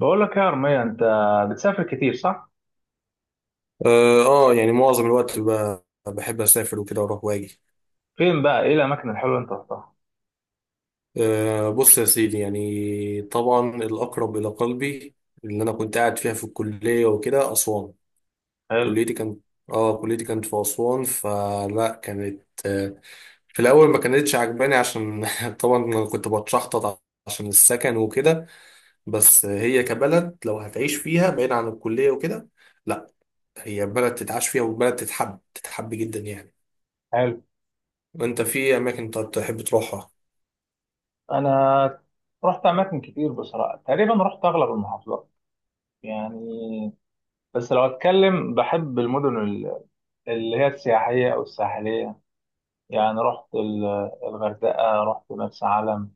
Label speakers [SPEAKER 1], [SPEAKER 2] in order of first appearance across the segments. [SPEAKER 1] بقول لك يا أرمية، أنت بتسافر كتير، صح؟
[SPEAKER 2] يعني معظم الوقت بحب اسافر وكده واروح واجي.
[SPEAKER 1] فين بقى؟ إيه الأماكن الحلوة اللي أنت رحتها؟
[SPEAKER 2] بص يا سيدي، يعني طبعا الاقرب الى قلبي اللي انا كنت قاعد فيها في الكليه وكده اسوان.
[SPEAKER 1] حلو،
[SPEAKER 2] كليتي كانت، اه كليتي كانت في اسوان. فلا كانت آه في الاول ما كانتش عجباني عشان طبعا أنا كنت بتشحطط عشان السكن وكده. بس هي كبلد لو هتعيش فيها بعيد عن الكليه وكده، لا، هي بلد تتعاش فيها وبلد تتحب جدا يعني.
[SPEAKER 1] حلو.
[SPEAKER 2] وانت في اماكن طب تحب تروحها؟
[SPEAKER 1] أنا رحت أماكن كتير بصراحة، تقريبا رحت أغلب المحافظات يعني. بس لو أتكلم بحب المدن اللي هي السياحية أو الساحلية. يعني رحت الغردقة، رحت مرسى علم،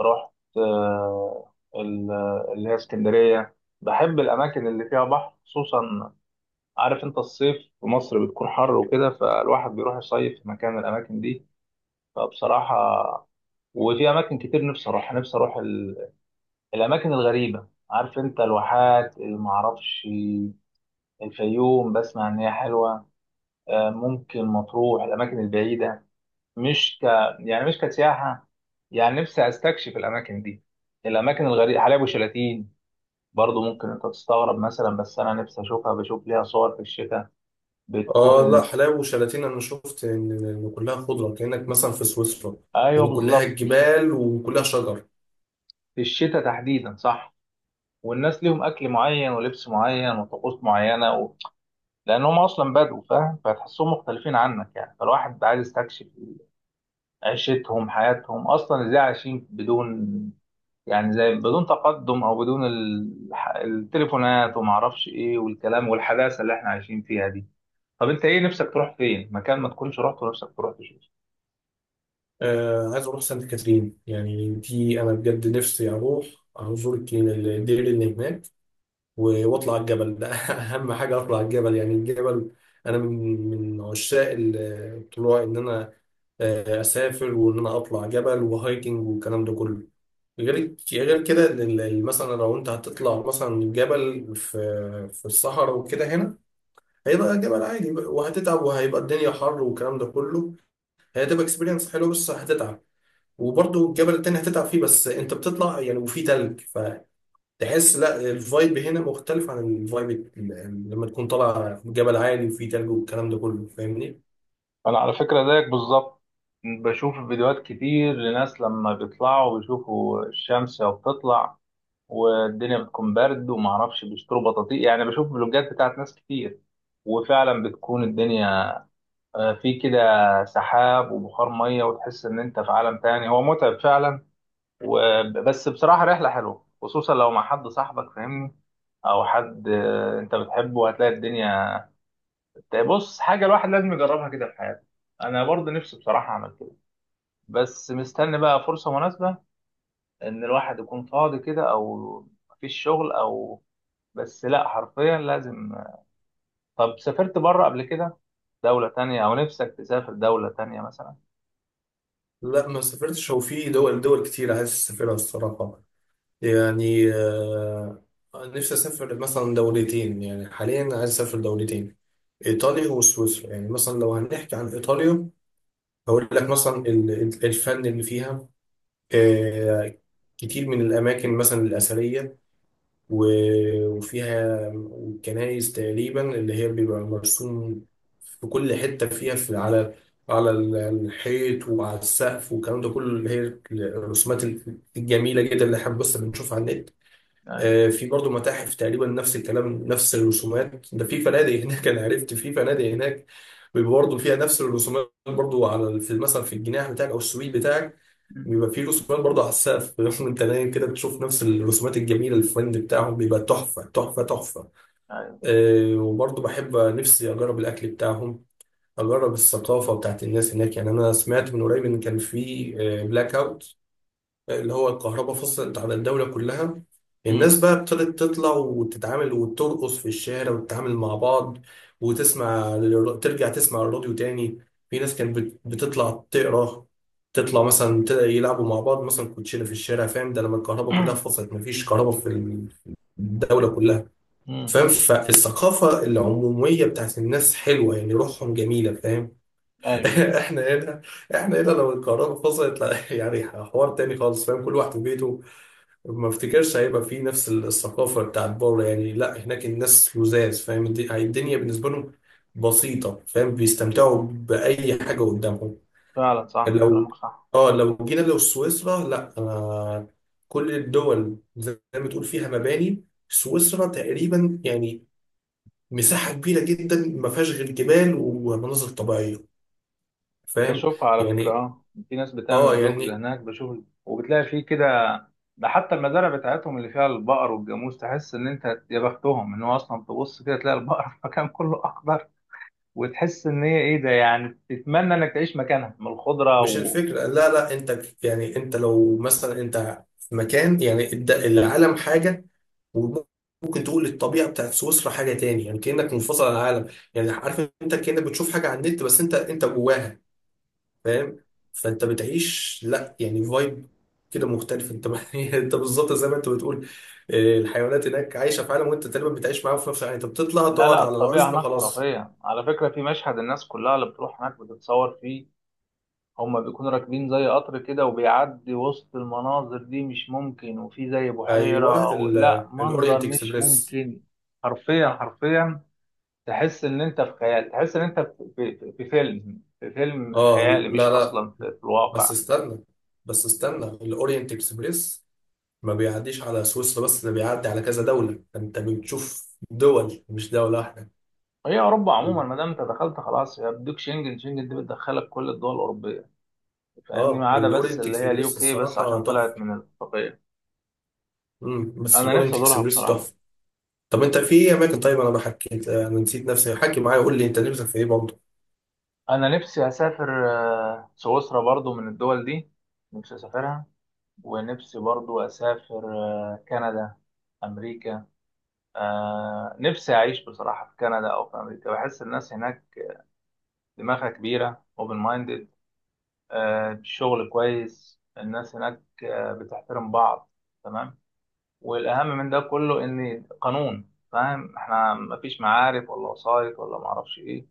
[SPEAKER 1] رحت آه، ال- اللي هي اسكندرية. بحب الأماكن اللي فيها بحر خصوصا. عارف انت الصيف في مصر بتكون حر وكده، فالواحد بيروح يصيف في مكان من الاماكن دي. فبصراحه، وفي اماكن كتير نفسي اروح، الاماكن الغريبه. عارف انت الواحات، المعرفش، الفيوم بسمع ان هي حلوه. ممكن مطروح، الاماكن البعيده. مش ك يعني مش كسياحه، يعني نفسي استكشف الاماكن دي، الاماكن الغريبه، حلايب وشلاتين. برضه ممكن انت تستغرب مثلا، بس انا نفسي اشوفها، بشوف ليها صور في الشتاء، بتكون
[SPEAKER 2] اه لا،
[SPEAKER 1] ال...
[SPEAKER 2] حلاوه وشلاتين انا شفت إن كلها خضره، كانك مثلا في سويسرا،
[SPEAKER 1] ايوه
[SPEAKER 2] يعني كلها
[SPEAKER 1] بالظبط.
[SPEAKER 2] جبال وكلها شجر.
[SPEAKER 1] في الشتاء تحديدا، صح. والناس ليهم اكل معين ولبس معين وطقوس معينه لانهم اصلا بدو، فاهم، فتحسهم مختلفين عنك يعني، فالواحد عايز يستكشف عيشتهم، حياتهم اصلا ازاي عايشين بدون. يعني زي بدون تقدم او بدون التليفونات وما اعرفش ايه والكلام والحداثه اللي احنا عايشين فيها دي. طب انت ايه نفسك تروح فين، مكان ما تكونش رحت ونفسك تروح تشوف؟
[SPEAKER 2] آه عايز اروح سانت كاترين، يعني دي انا بجد نفسي اروح ازور الدير اللي هناك واطلع الجبل ده اهم حاجه اطلع الجبل، يعني الجبل انا من عشاق الطلوع، ان انا اسافر وان انا اطلع جبل وهايكنج والكلام ده كله. غير كده إن مثلا لو انت هتطلع مثلا جبل في الصحراء وكده، هنا هيبقى جبل عادي بقى، وهتتعب وهيبقى الدنيا حر والكلام ده كله. هي هتبقى اكسبيرينس حلوه بس هتتعب. وبرضه الجبل التاني هتتعب فيه، بس انت بتطلع يعني وفي تلج، فتحس لا، الفايب هنا مختلف عن الفايب لما تكون طالع جبل عالي وفي تلج والكلام ده كله، فاهمني؟
[SPEAKER 1] انا على فكره زيك بالظبط. بشوف فيديوهات كتير لناس، لما بيطلعوا بيشوفوا الشمس بتطلع والدنيا بتكون برد وما اعرفش، بيشتروا بطاطيق يعني. بشوف فلوجات بتاعت ناس كتير. وفعلا بتكون الدنيا في كده سحاب وبخار ميه، وتحس ان انت في عالم تاني، هو متعب فعلا. بس بصراحه رحله حلوه، خصوصا لو مع حد صاحبك، فاهمني، او حد انت بتحبه، هتلاقي الدنيا. طيب بص، حاجة الواحد لازم يجربها كده في حياته. أنا برضه نفسي بصراحة أعمل كده، بس مستني بقى فرصة مناسبة، إن الواحد يكون فاضي كده، أو مفيش شغل، أو بس، لا حرفيا لازم. طب سافرت بره قبل كده؟ دولة تانية، أو نفسك تسافر دولة تانية مثلا؟
[SPEAKER 2] لا ما سافرتش، هو في دول كتير عايز اسافرها الصراحه، يعني نفسي أسافر مثلا دولتين، يعني حاليا عايز أسافر دولتين، إيطاليا وسويسرا. يعني مثلا لو هنحكي عن إيطاليا، هقول لك مثلا الفن اللي فيها، آه، كتير من الأماكن مثلا الأثرية، وفيها كنايس تقريبا اللي هي بيبقى مرسوم في كل حتة فيها، في على الحيط وعلى السقف والكلام ده كله، اللي هي الرسومات الجميلة جدا اللي احنا بس بنشوفها على النت.
[SPEAKER 1] أيوه.
[SPEAKER 2] في برضه متاحف تقريبا نفس الكلام، نفس الرسومات ده. في فنادق هناك، انا عرفت في فنادق هناك بيبقى برضه فيها نفس الرسومات، برضه على في مثلا في الجناح بتاعك او السويت بتاعك
[SPEAKER 1] أمم.
[SPEAKER 2] بيبقى فيه رسومات برضه على السقف وانت نايم كده بتشوف نفس الرسومات الجميله. الفند بتاعهم بيبقى تحفه تحفه تحفه.
[SPEAKER 1] أيوه.
[SPEAKER 2] وبرضه بحب نفسي اجرب الاكل بتاعهم، اجرب الثقافه بتاعت الناس هناك. يعني انا سمعت من قريب ان كان في بلاك اوت، اللي هو الكهرباء فصلت على الدولة كلها.
[SPEAKER 1] أمم.
[SPEAKER 2] الناس بقى ابتدت تطلع وتتعامل وترقص في الشارع وتتعامل مع بعض، وتسمع ترجع تسمع الراديو تاني. في ناس كانت بتطلع تقرا، تطلع مثلا يلعبوا مع بعض مثلا كوتشينة في الشارع، فاهم؟ ده لما الكهرباء كلها فصلت، مفيش كهرباء في الدولة كلها،
[SPEAKER 1] أمم.
[SPEAKER 2] فاهم؟ فالثقافة العمومية بتاعت الناس حلوة يعني، روحهم جميلة فاهم.
[SPEAKER 1] أيوه.
[SPEAKER 2] احنا هنا، احنا هنا لو الكهرباء فصلت لا، يعني حوار تاني خالص فاهم، كل واحد في بيته. ما افتكرش هيبقى فيه نفس الثقافة بتاعت بره يعني. لا هناك الناس لذاذ فاهم، الدنيا بالنسبة لهم بسيطة فاهم، بيستمتعوا بأي حاجة قدامهم.
[SPEAKER 1] فعلا، صح
[SPEAKER 2] لو،
[SPEAKER 1] كلامك، صح.
[SPEAKER 2] اه لو جينا لو سويسرا، لا أنا، كل الدول زي ما تقول فيها مباني، سويسرا تقريبا يعني مساحة كبيرة جدا ما فيهاش غير جبال ومناظر طبيعية فاهم.
[SPEAKER 1] بشوفها على فكرة،
[SPEAKER 2] يعني،
[SPEAKER 1] اه. في ناس
[SPEAKER 2] اه
[SPEAKER 1] بتعمل بلوجز
[SPEAKER 2] يعني،
[SPEAKER 1] هناك، بشوف. وبتلاقي فيه كده. ده حتى المزارع بتاعتهم اللي فيها البقر والجاموس، تحس ان انت يا بختهم، ان هو اصلا تبص كده تلاقي البقر في مكان كله اخضر. وتحس ان هي، ايه ده، يعني تتمنى انك تعيش مكانها من الخضرة
[SPEAKER 2] مش الفكرة لا لا، انت يعني انت لو مثلا انت في مكان يعني، العالم حاجة وممكن تقول الطبيعة بتاعت سويسرا حاجة تاني. يعني كأنك منفصل عن العالم، يعني عارف انت؟ كأنك بتشوف حاجة على النت، بس انت جواها فاهم. فانت بتعيش لا، يعني فايب كده مختلف. انت انت بالظبط زي ما انت بتقول، اه، الحيوانات هناك عايشة في عالم، وانت تقريبا بتعيش معاهم في نفس العالم، انت بتطلع
[SPEAKER 1] لا،
[SPEAKER 2] تقعد
[SPEAKER 1] لا،
[SPEAKER 2] على
[SPEAKER 1] الطبيعة
[SPEAKER 2] العشب
[SPEAKER 1] هناك
[SPEAKER 2] خلاص.
[SPEAKER 1] خرافية على فكرة. في مشهد الناس كلها اللي بتروح هناك بتتصور فيه، هما بيكونوا راكبين زي قطر كده، وبيعدي وسط المناظر دي، مش ممكن، وفي زي
[SPEAKER 2] ايوه،
[SPEAKER 1] بحيرة لا، منظر
[SPEAKER 2] الاورينت
[SPEAKER 1] مش
[SPEAKER 2] اكسبريس.
[SPEAKER 1] ممكن. حرفيا حرفيا. تحس ان انت في خيال، تحس ان انت في فيلم، في فيلم
[SPEAKER 2] اه
[SPEAKER 1] خيالي، مش
[SPEAKER 2] لا لا،
[SPEAKER 1] اصلا في
[SPEAKER 2] بس
[SPEAKER 1] الواقع.
[SPEAKER 2] استنى بس استنى الاورينت اكسبريس ما بيعديش على سويسرا بس، ده بيعدي على كذا دولة، انت بتشوف دول مش دولة واحدة.
[SPEAKER 1] هي اوروبا عموما،
[SPEAKER 2] ال-
[SPEAKER 1] ما دام انت دخلت خلاص، هي بديك شنجن، شنجن دي بتدخلك كل الدول الاوروبيه، فاهمني،
[SPEAKER 2] اه
[SPEAKER 1] ما عدا بس
[SPEAKER 2] والاورينت
[SPEAKER 1] اللي هي اليو
[SPEAKER 2] اكسبريس
[SPEAKER 1] كي، بس
[SPEAKER 2] الصراحة
[SPEAKER 1] عشان طلعت
[SPEAKER 2] تحفة.
[SPEAKER 1] من الاتفاقيه.
[SPEAKER 2] بس
[SPEAKER 1] انا نفسي
[SPEAKER 2] الاورينت
[SPEAKER 1] ازورها
[SPEAKER 2] اكسبريس
[SPEAKER 1] بصراحه.
[SPEAKER 2] تحفة. طب انت في ايه اماكن؟ طيب انا ما حكيت، انا نسيت نفسي، حكي معايا قول لي انت نفسك في ايه برضه.
[SPEAKER 1] انا نفسي اسافر سويسرا برضو من الدول دي، نفسي اسافرها. ونفسي برضو اسافر كندا، امريكا. نفسي اعيش بصراحة في كندا او في امريكا. بحس الناس هناك دماغها كبيرة، اوبن مايندد، الشغل كويس، الناس هناك بتحترم بعض، تمام. والاهم من ده كله ان قانون، فاهم احنا مفيش معارف ولا وسايط ولا معرفش ايه.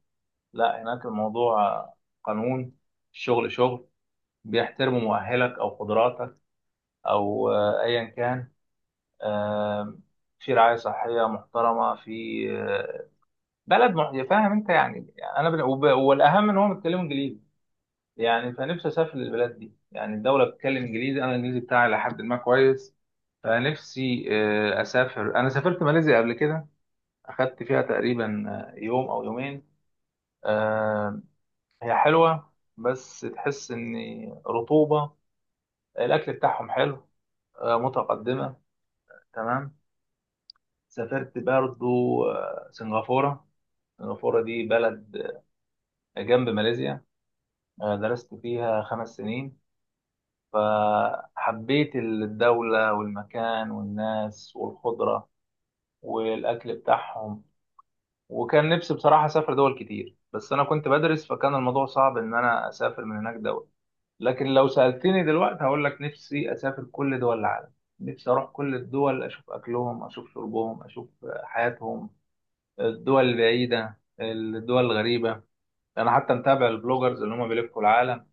[SPEAKER 1] لا، هناك الموضوع قانون، الشغل شغل، بيحترموا مؤهلك او قدراتك او ايا كان. آه، في رعايه صحيه محترمه، في آه، بلد فاهم انت يعني. والاهم ان هم بيتكلموا انجليزي، يعني فنفسي اسافر للبلاد دي، يعني الدوله بتتكلم انجليزي، انا الانجليزي بتاعي لحد ما كويس. فنفسي اسافر، انا سافرت ماليزيا قبل كده، اخدت فيها تقريبا يوم او يومين. آه، هي حلوه، بس تحس ان رطوبه، الاكل بتاعهم حلو، متقدمه، تمام. سافرت برضو سنغافورة. سنغافورة دي بلد جنب ماليزيا. درست فيها 5 سنين، فحبيت الدولة والمكان والناس والخضرة والأكل بتاعهم. وكان نفسي بصراحة أسافر دول كتير، بس أنا كنت بدرس، فكان الموضوع صعب إن أنا أسافر من هناك دول. لكن لو سألتني دلوقتي هقول لك نفسي أسافر كل دول العالم. نفسي أروح كل الدول، أشوف أكلهم، أشوف شربهم، أشوف حياتهم، الدول البعيدة، الدول الغريبة. أنا حتى متابع البلوجرز اللي هم بيلفوا العالم.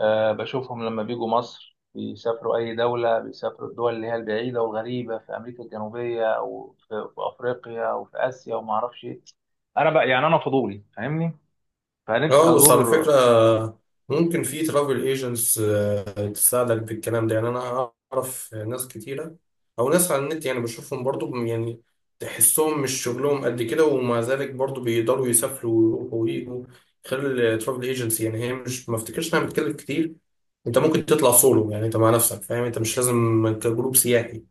[SPEAKER 1] أه بشوفهم لما بيجوا مصر، بيسافروا أي دولة، بيسافروا الدول اللي هي البعيدة والغريبة في أمريكا الجنوبية أو في أفريقيا، أو في آسيا، وما أعرفش إيه. أنا بقى يعني أنا فضولي، فاهمني، فنفسي
[SPEAKER 2] اه بس
[SPEAKER 1] أزور.
[SPEAKER 2] على فكرة، ممكن في ترافل ايجنتس تساعدك بالكلام ده. يعني انا اعرف ناس كتيره، او ناس على النت يعني بشوفهم برضو يعني، تحسهم مش شغلهم قد كده ومع ذلك برضو بيقدروا يسافروا ويروحوا ويجوا خلال الترافل ايجنسي. يعني هي مش، ما افتكرش انها بتكلف كتير. انت ممكن تطلع سولو، يعني انت مع نفسك فاهم، انت مش لازم كجروب سياحي.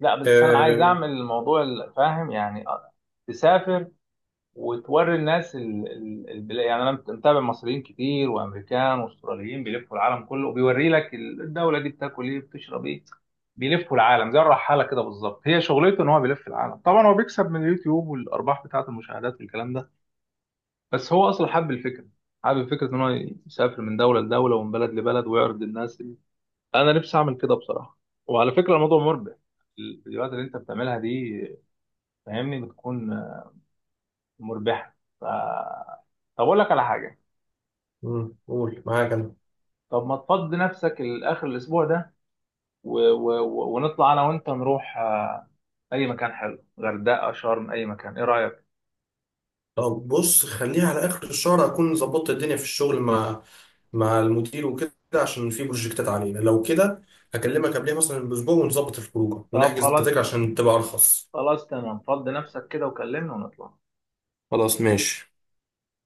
[SPEAKER 1] لا بس أنا عايز
[SPEAKER 2] أه...
[SPEAKER 1] أعمل الموضوع فاهم يعني، تسافر وتوري الناس يعني متابع مصريين كتير وامريكان واستراليين بيلفوا العالم كله، وبيوري لك الدوله دي بتاكل ايه بتشرب ايه. بيلفوا العالم زي الرحاله كده بالظبط، هي شغلته ان هو بيلف العالم، طبعا هو بيكسب من اليوتيوب والارباح بتاعه المشاهدات والكلام ده. بس هو اصلا حب الفكره، حابب فكره ان هو يسافر من دوله لدوله ومن بلد لبلد، ويعرض للناس انا نفسي اعمل كده بصراحه. وعلى فكره الموضوع مربح، الفيديوهات اللي انت بتعملها دي فاهمني بتكون مربحه، ف... طب اقول لك على حاجه.
[SPEAKER 2] مم، قول معاك انا.
[SPEAKER 1] طب ما تفضي نفسك لاخر الاسبوع ده و ونطلع انا وانت نروح اي مكان حلو، غردقه، شرم، اي مكان، ايه رايك؟
[SPEAKER 2] طب بص، خليها على اخر الشهر اكون ظبطت الدنيا في الشغل مع مع المدير وكده، عشان في بروجكتات علينا. لو كده هكلمك قبلها مثلا باسبوع ونظبط الخروجه
[SPEAKER 1] طب
[SPEAKER 2] ونحجز
[SPEAKER 1] خلاص،
[SPEAKER 2] التذاكر عشان تبقى ارخص.
[SPEAKER 1] خلاص تمام، فضي نفسك كده وكلمنا ونطلع.
[SPEAKER 2] خلاص ماشي.